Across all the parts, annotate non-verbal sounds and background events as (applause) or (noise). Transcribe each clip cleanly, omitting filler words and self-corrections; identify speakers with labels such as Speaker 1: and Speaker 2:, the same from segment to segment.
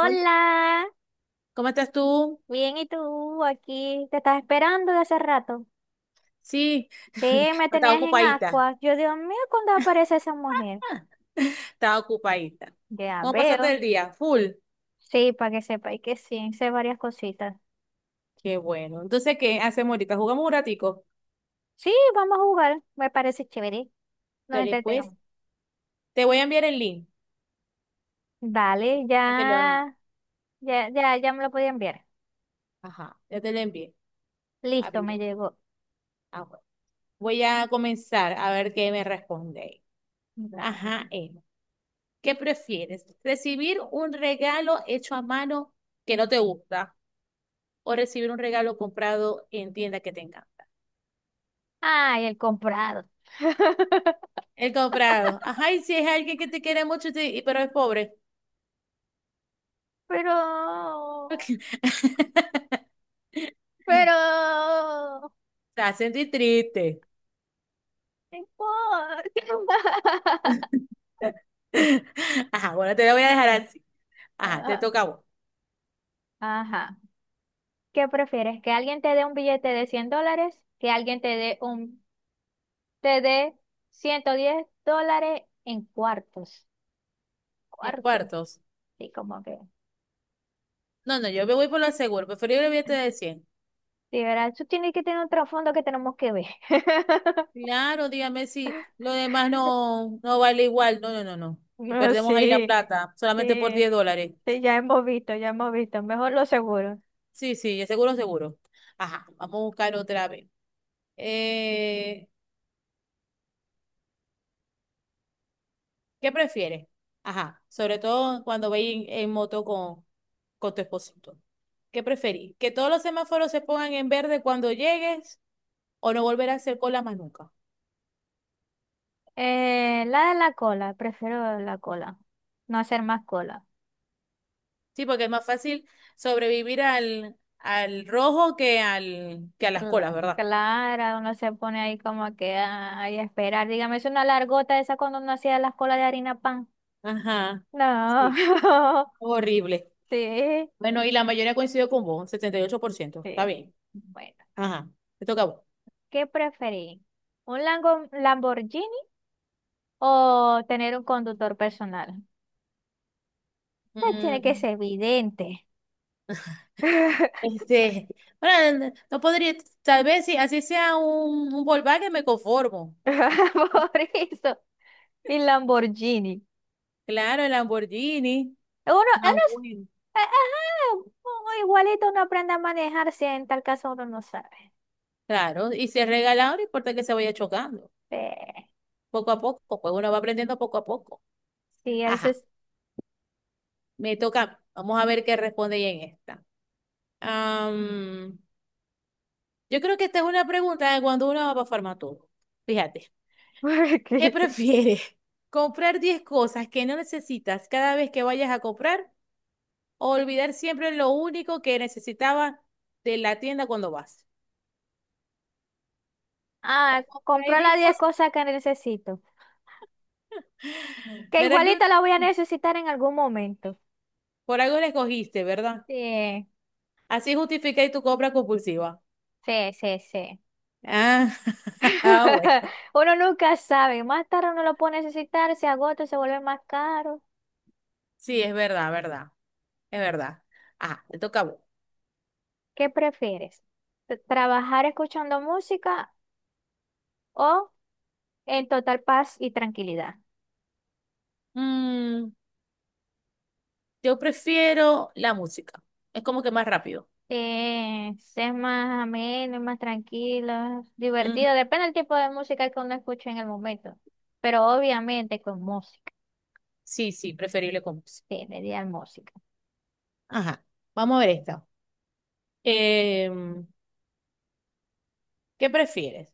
Speaker 1: Hola, ¿cómo estás tú?
Speaker 2: bien, ¿y tú? Aquí te estás esperando de hace rato.
Speaker 1: Sí, (laughs)
Speaker 2: Sí, me
Speaker 1: estaba
Speaker 2: tenías en
Speaker 1: ocupadita.
Speaker 2: agua. Yo, Dios mío, ¿cuando aparece esa mujer?
Speaker 1: Ah, estaba ocupadita.
Speaker 2: Ya
Speaker 1: ¿Cómo pasaste el
Speaker 2: veo.
Speaker 1: día? Full.
Speaker 2: Sí, para que sepáis que sí, sé varias cositas.
Speaker 1: Qué bueno. Entonces, ¿qué hacemos ahorita? ¿Jugamos un ratico?
Speaker 2: Sí, vamos a jugar, me parece chévere. Nos
Speaker 1: Dale, pues.
Speaker 2: entretengamos.
Speaker 1: Te voy a enviar el link.
Speaker 2: Dale,
Speaker 1: Ya te lo,
Speaker 2: ya, ya, ya, ya me lo podía enviar.
Speaker 1: ajá, ya te lo envié.
Speaker 2: Listo, me
Speaker 1: Abrirlo.
Speaker 2: llegó.
Speaker 1: Ah, bueno. Voy a comenzar a ver qué me responde.
Speaker 2: Dale.
Speaker 1: Ajá, Emma. ¿Qué prefieres? ¿Recibir un regalo hecho a mano que no te gusta o recibir un regalo comprado en tienda que tenga?
Speaker 2: Ay, el comprado. (laughs)
Speaker 1: El comprado. Ajá, y si es alguien que te quiere mucho, pero es pobre.
Speaker 2: Pero,
Speaker 1: (laughs)
Speaker 2: pero
Speaker 1: Te hace sentir triste.
Speaker 2: no importa. (laughs)
Speaker 1: (laughs) Ajá, bueno, te lo voy a dejar así. Ajá, te
Speaker 2: Ah,
Speaker 1: toca a vos.
Speaker 2: ajá. ¿Qué prefieres? ¿Que alguien te dé un billete de $100? ¿Que alguien te dé un, te dé $110 en cuartos?
Speaker 1: En
Speaker 2: Cuartos.
Speaker 1: cuartos.
Speaker 2: Sí, como que.
Speaker 1: No, no, yo me voy por lo seguro. Preferible billete de 100.
Speaker 2: Sí, ¿verdad? Eso tiene que tener un trasfondo que tenemos que ver. (laughs)
Speaker 1: Claro, dígame si lo demás no, no vale igual. No, no, no, no. Y
Speaker 2: No,
Speaker 1: perdemos ahí la
Speaker 2: sí.
Speaker 1: plata solamente por
Speaker 2: Sí.
Speaker 1: $10.
Speaker 2: Sí, ya hemos visto, ya hemos visto. Mejor lo seguro.
Speaker 1: Sí, sí, seguro, seguro. Ajá, vamos a buscar otra vez. Eh, ¿Qué prefieres? Ajá, sobre todo cuando veis en, moto con tu esposito. ¿Qué preferís? ¿Que todos los semáforos se pongan en verde cuando llegues o no volver a hacer cola más nunca?
Speaker 2: La de la cola. Prefiero la cola. No hacer más cola.
Speaker 1: Sí, porque es más fácil sobrevivir al rojo que a las colas,
Speaker 2: Cla-
Speaker 1: ¿verdad?
Speaker 2: Claro, uno se pone ahí como que ay, a esperar. Dígame, es una largota esa cuando uno hacía las colas de harina pan.
Speaker 1: Ajá,
Speaker 2: No,
Speaker 1: sí, horrible.
Speaker 2: (laughs) sí,
Speaker 1: Bueno, y la mayoría coincidió con vos, 78%, está
Speaker 2: sí.
Speaker 1: bien.
Speaker 2: Bueno,
Speaker 1: Ajá, te toca a vos.
Speaker 2: ¿qué preferí? ¿Un Lamborghini o tener un conductor personal? Tiene que
Speaker 1: Mm,
Speaker 2: ser evidente. (laughs)
Speaker 1: Este, bueno, no podría, tal vez si así sea un Volkswagen me conformo.
Speaker 2: Por eso, y Lamborghini.
Speaker 1: Claro, el Lamborghini,
Speaker 2: Uno
Speaker 1: más
Speaker 2: es- eh,
Speaker 1: bueno.
Speaker 2: ajá, uno igualito uno aprende a manejar si en tal caso uno no sabe.
Speaker 1: Claro, y si es regalado, no importa que se vaya chocando, poco a poco, pues uno va aprendiendo poco a poco.
Speaker 2: Sí.
Speaker 1: Ajá,
Speaker 2: (laughs)
Speaker 1: me toca, vamos a ver qué responde ella en esta. Am, yo creo que esta es una pregunta de cuando uno va para Farmatodo. Fíjate, ¿qué
Speaker 2: porque-
Speaker 1: prefieres? (laughs) ¿Comprar 10 cosas que no necesitas cada vez que vayas a comprar? Olvidar siempre lo único que necesitaba de la tienda cuando vas.
Speaker 2: Ah,
Speaker 1: Oh, hay
Speaker 2: compró
Speaker 1: diez
Speaker 2: las 10
Speaker 1: cosas,
Speaker 2: cosas que necesito. Que
Speaker 1: ¿verdad que una-
Speaker 2: igualito las voy a
Speaker 1: sí,
Speaker 2: necesitar en algún momento.
Speaker 1: por algo la escogiste, ¿verdad?
Speaker 2: Sí,
Speaker 1: Así justificáis tu compra compulsiva.
Speaker 2: sí, sí, sí.
Speaker 1: Ah, (laughs) ah,
Speaker 2: (laughs)
Speaker 1: bueno.
Speaker 2: Uno nunca sabe. Más tarde uno lo puede necesitar, se agota, se vuelve más caro.
Speaker 1: Sí, es verdad, verdad. Es verdad. Ah, te toca a vos.
Speaker 2: ¿Qué prefieres? ¿Trabajar escuchando música o en total paz y tranquilidad?
Speaker 1: Mm, yo prefiero la música. Es como que más rápido.
Speaker 2: Sí, es más ameno, más tranquilo,
Speaker 1: Ujú.
Speaker 2: divertido. Depende del tipo de música que uno escuche en el momento. Pero obviamente con música.
Speaker 1: Sí, sí, preferible con música.
Speaker 2: Sí, le di al música.
Speaker 1: Ajá. Vamos a ver esta. Em, ¿Qué prefieres?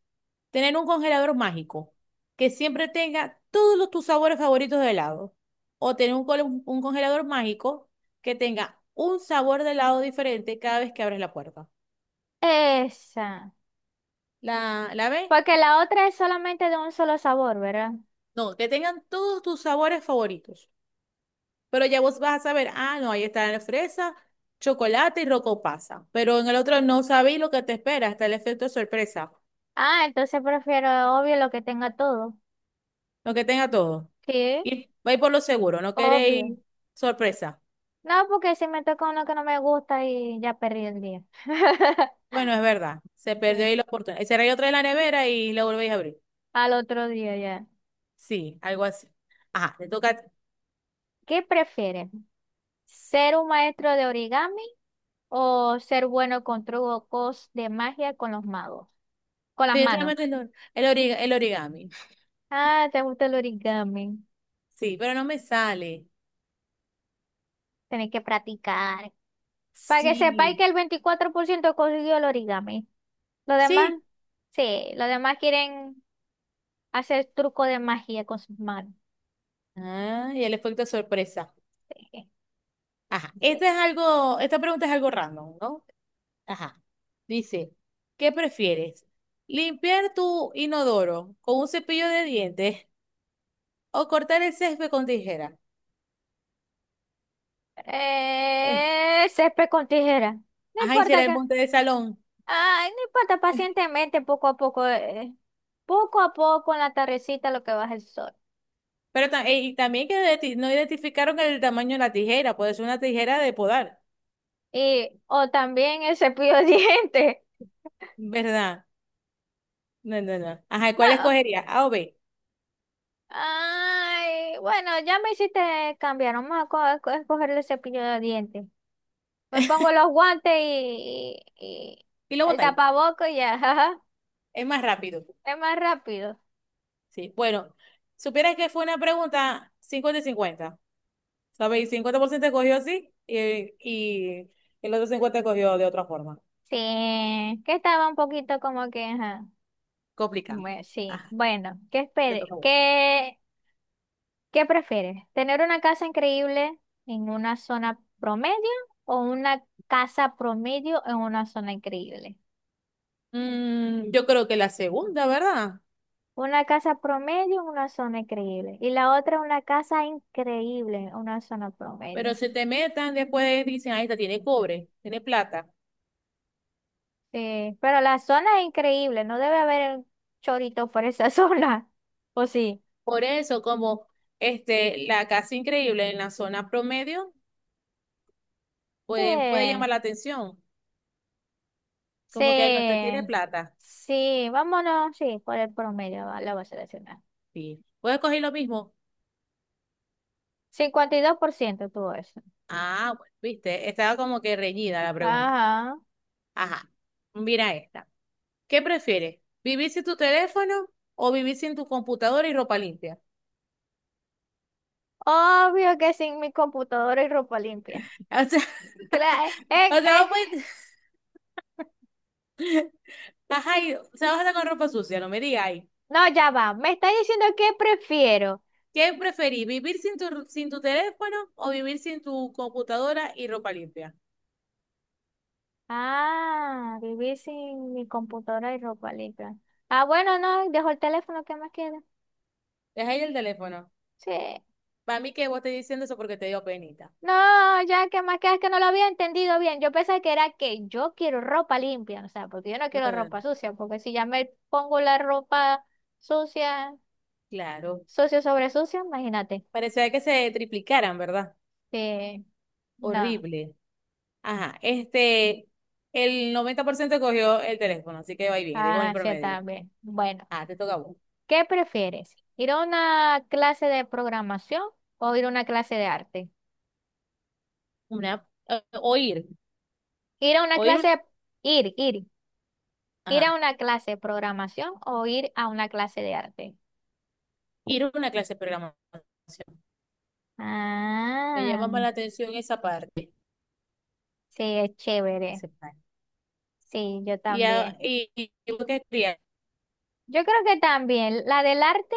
Speaker 1: ¿Tener un congelador mágico que siempre tenga tus sabores favoritos de helado? ¿O tener un congelador mágico que tenga un sabor de helado diferente cada vez que abres la puerta?
Speaker 2: Esa.
Speaker 1: ¿La ves?
Speaker 2: Porque la otra es solamente de un solo sabor, ¿verdad?
Speaker 1: No, que tengan todos tus sabores favoritos. Pero ya vos vas a saber, ah, no, ahí está la fresa, chocolate y rocopasa. Pero en el otro no sabéis lo que te espera, hasta el efecto sorpresa.
Speaker 2: Ah, entonces prefiero obvio lo que tenga todo.
Speaker 1: Lo que tenga todo.
Speaker 2: Sí,
Speaker 1: Y vais por lo seguro, no
Speaker 2: obvio.
Speaker 1: queréis sorpresa.
Speaker 2: No, porque si me toca uno que no me gusta y ya perdí el día. (laughs)
Speaker 1: Bueno, es verdad. Se perdió
Speaker 2: Sí,
Speaker 1: ahí la oportunidad. Cerré otra de la nevera y la volvéis a abrir.
Speaker 2: al otro día ya.
Speaker 1: Sí, algo así. Ajá, te toca.
Speaker 2: ¿Qué prefieres? ¿Ser un maestro de origami o ser bueno con trucos de magia con los magos, con las
Speaker 1: Te
Speaker 2: manos?
Speaker 1: toca el origami.
Speaker 2: Ah, te gusta el origami.
Speaker 1: Sí, pero no me sale.
Speaker 2: Tenés que practicar. Para que sepáis
Speaker 1: Sí,
Speaker 2: que el 24% consiguió el origami. Los demás,
Speaker 1: sí.
Speaker 2: sí, los demás quieren hacer truco de magia con sus manos.
Speaker 1: Ah, y el efecto sorpresa.
Speaker 2: Sí,
Speaker 1: Ajá,
Speaker 2: sí.
Speaker 1: este es algo, esta pregunta es algo random, ¿no? Ajá. Dice, ¿qué prefieres? ¿Limpiar tu inodoro con un cepillo de dientes o cortar el césped con tijera? Eh,
Speaker 2: Césped con tijera. No
Speaker 1: Ay,
Speaker 2: importa
Speaker 1: será el
Speaker 2: acá.
Speaker 1: monte de salón.
Speaker 2: Ay, no importa, pacientemente, poco a poco. Poco a poco en la tardecita lo que baja el sol.
Speaker 1: Y también que no identificaron el tamaño de la tijera, puede ser una tijera de podar,
Speaker 2: Y, o también el cepillo de (laughs) dientes.
Speaker 1: ¿verdad? No, no, no. Ajá, ¿cuál
Speaker 2: No.
Speaker 1: escogería? A o B.
Speaker 2: Ay, bueno, ya me hiciste cambiar. Vamos a escoger el cepillo de dientes. Me pongo los guantes y, y
Speaker 1: Y lo
Speaker 2: el
Speaker 1: botáis.
Speaker 2: tapaboco y ya. (laughs) Ajá.
Speaker 1: Es más rápido.
Speaker 2: Es más rápido.
Speaker 1: Sí, bueno, supieras que fue una pregunta 50-50 ¿sabéis? 50% escogió así y el otro 50 escogió de otra forma.
Speaker 2: Sí, que estaba un poquito como que, ajá.
Speaker 1: Complicado.
Speaker 2: Bueno, sí.
Speaker 1: Ajá,
Speaker 2: Bueno, ¿qué
Speaker 1: te toca
Speaker 2: espere?
Speaker 1: a vos.
Speaker 2: ¿Qué, qué prefieres? ¿Tener una casa increíble en una zona promedio o una casa promedio en una zona increíble?
Speaker 1: Yo creo que la segunda, ¿verdad?
Speaker 2: Una casa promedio, en una zona increíble. Y la otra, una casa increíble, en una zona
Speaker 1: Pero
Speaker 2: promedio.
Speaker 1: se te metan después, dicen, ahí está, tiene cobre, tiene plata.
Speaker 2: Sí, pero la zona es increíble, no debe haber chorito por esa (laughs) zona. ¿O sí?
Speaker 1: Por eso, como este, la casa increíble en la zona promedio puede
Speaker 2: Sí,
Speaker 1: llamar la atención.
Speaker 2: sí,
Speaker 1: Como que "Ay, no usted tiene plata.
Speaker 2: sí, vámonos, sí, por el promedio la voy a seleccionar.
Speaker 1: Sí. ¿Puedes coger lo mismo?
Speaker 2: 52% tuvo eso.
Speaker 1: Ah, bueno, viste, estaba como que reñida la pregunta.
Speaker 2: Ajá.
Speaker 1: Ajá. Mira esta. ¿Qué prefieres? ¿Vivir sin tu teléfono o vivir sin tu computadora y ropa limpia?
Speaker 2: Obvio que sin mi computadora y ropa limpia.
Speaker 1: (laughs) O sea,
Speaker 2: Cla-
Speaker 1: o
Speaker 2: eh,
Speaker 1: sea,
Speaker 2: eh,
Speaker 1: ajá, o sea, vas a estar con ropa sucia, no me digas.
Speaker 2: No, ya va. Me está diciendo que prefiero.
Speaker 1: ¿Qué preferís? ¿Vivir sin tu teléfono o vivir sin tu computadora y ropa limpia?
Speaker 2: Ah, vivir sin mi computadora y ropa limpia. Ah, bueno, no, dejo el teléfono, ¿qué más queda?
Speaker 1: Deja ahí el teléfono.
Speaker 2: Sí.
Speaker 1: Para mí que vos estés diciendo eso porque te dio penita.
Speaker 2: No, ya, ¿qué más queda? Es que no lo había entendido bien. Yo pensaba que era que yo quiero ropa limpia, o sea, porque yo no
Speaker 1: No,
Speaker 2: quiero
Speaker 1: no, no.
Speaker 2: ropa sucia, porque si ya me pongo la ropa sucia,
Speaker 1: Claro.
Speaker 2: sucio sobre sucio, imagínate.
Speaker 1: Parecía que se triplicaran, ¿verdad?
Speaker 2: Sí, no.
Speaker 1: Horrible. Ajá. Este, el 90% cogió el teléfono, así que va bien, digo en el
Speaker 2: Ah, sí,
Speaker 1: promedio.
Speaker 2: también. Bueno,
Speaker 1: Ah, te toca a vos.
Speaker 2: ¿qué prefieres? ¿Ir a una clase de programación o ir a una clase de arte?
Speaker 1: Una, oír,
Speaker 2: Ir a una
Speaker 1: oír una,
Speaker 2: clase de... Ir, ir. ¿Ir a
Speaker 1: ajá,
Speaker 2: una clase de programación o ir a una clase de arte?
Speaker 1: ir a una clase de programación. Me
Speaker 2: Ah,
Speaker 1: llama más la atención esa parte.
Speaker 2: sí, es chévere.
Speaker 1: esa parte.
Speaker 2: Sí, yo
Speaker 1: Y, a-
Speaker 2: también.
Speaker 1: y, y vos qué querías.
Speaker 2: Yo creo que también. La del arte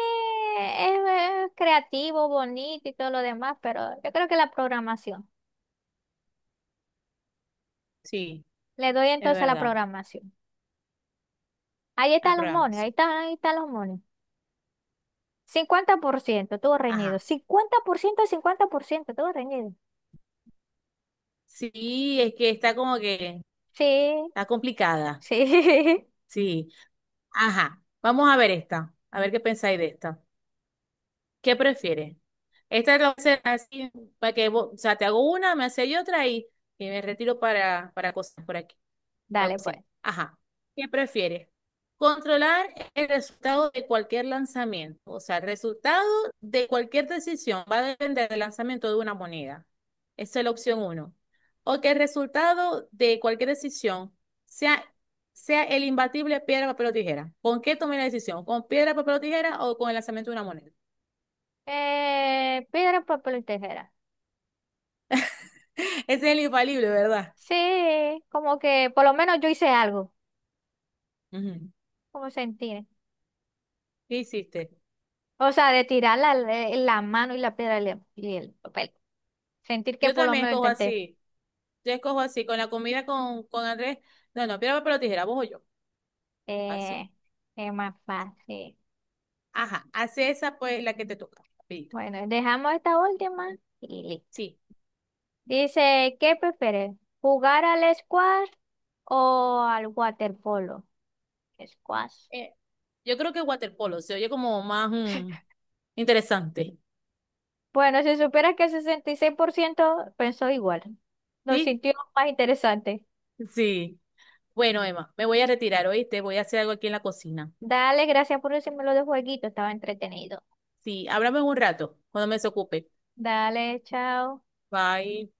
Speaker 2: es, creativo, bonito y todo lo demás, pero yo creo que la programación.
Speaker 1: Sí,
Speaker 2: Le doy
Speaker 1: es
Speaker 2: entonces a la
Speaker 1: verdad.
Speaker 2: programación. Ahí
Speaker 1: A
Speaker 2: están los monos,
Speaker 1: programación.
Speaker 2: ahí están los monos. 50%, todo reñido.
Speaker 1: Ajá.
Speaker 2: Cincuenta por ciento, 50%, todo reñido.
Speaker 1: Sí, es que está como que
Speaker 2: Sí,
Speaker 1: está complicada,
Speaker 2: sí. (laughs)
Speaker 1: sí. Ajá, vamos a ver esta, a ver qué pensáis de esta. ¿Qué prefieres? Esta lo voy a hacer así, para que vos, o sea, te hago una, me hacéis otra y me retiro para cosas por aquí. La
Speaker 2: Dale,
Speaker 1: cocina.
Speaker 2: pues.
Speaker 1: Ajá. ¿Qué prefieres? Controlar el resultado de cualquier lanzamiento. O sea, el resultado de cualquier decisión va a depender del lanzamiento de una moneda. Esa es la opción uno. O que el resultado de cualquier decisión sea, sea el imbatible piedra, papel o tijera. ¿Con qué tomé la decisión? ¿Con piedra, papel o tijera o con el lanzamiento de una moneda?
Speaker 2: Piedra, papel y tijera.
Speaker 1: (laughs) Ese es el infalible, ¿verdad?
Speaker 2: Sí, como que por lo menos yo hice algo,
Speaker 1: Ujú.
Speaker 2: como sentir.
Speaker 1: ¿Qué hiciste?
Speaker 2: O sea, de tirar la, la mano y la piedra y el papel. Sentir que
Speaker 1: Yo
Speaker 2: por lo
Speaker 1: también
Speaker 2: menos
Speaker 1: escojo
Speaker 2: intenté.
Speaker 1: así. Yo escojo así, con la comida con Andrés. No, no, piedra, papel o tijera, vos o yo. Así.
Speaker 2: Eh, es más fácil.
Speaker 1: Ajá, hace esa pues la que te toca. Rapidito.
Speaker 2: Bueno, dejamos esta última y listo.
Speaker 1: Sí.
Speaker 2: Dice, ¿qué prefieres? ¿Jugar al squash o al waterpolo? Squash.
Speaker 1: Eh, yo creo que waterpolo se oye como más interesante.
Speaker 2: Bueno, si supieras que el 66%, pensó igual. Lo
Speaker 1: ¿Sí?
Speaker 2: sintió más interesante.
Speaker 1: Sí. Bueno, Emma, me voy a retirar, ¿oíste? Voy a hacer algo aquí en la cocina.
Speaker 2: Dale, gracias por decirme lo de jueguito, estaba entretenido.
Speaker 1: Sí, háblame en un rato, cuando me desocupe.
Speaker 2: Dale, chao.
Speaker 1: Bye.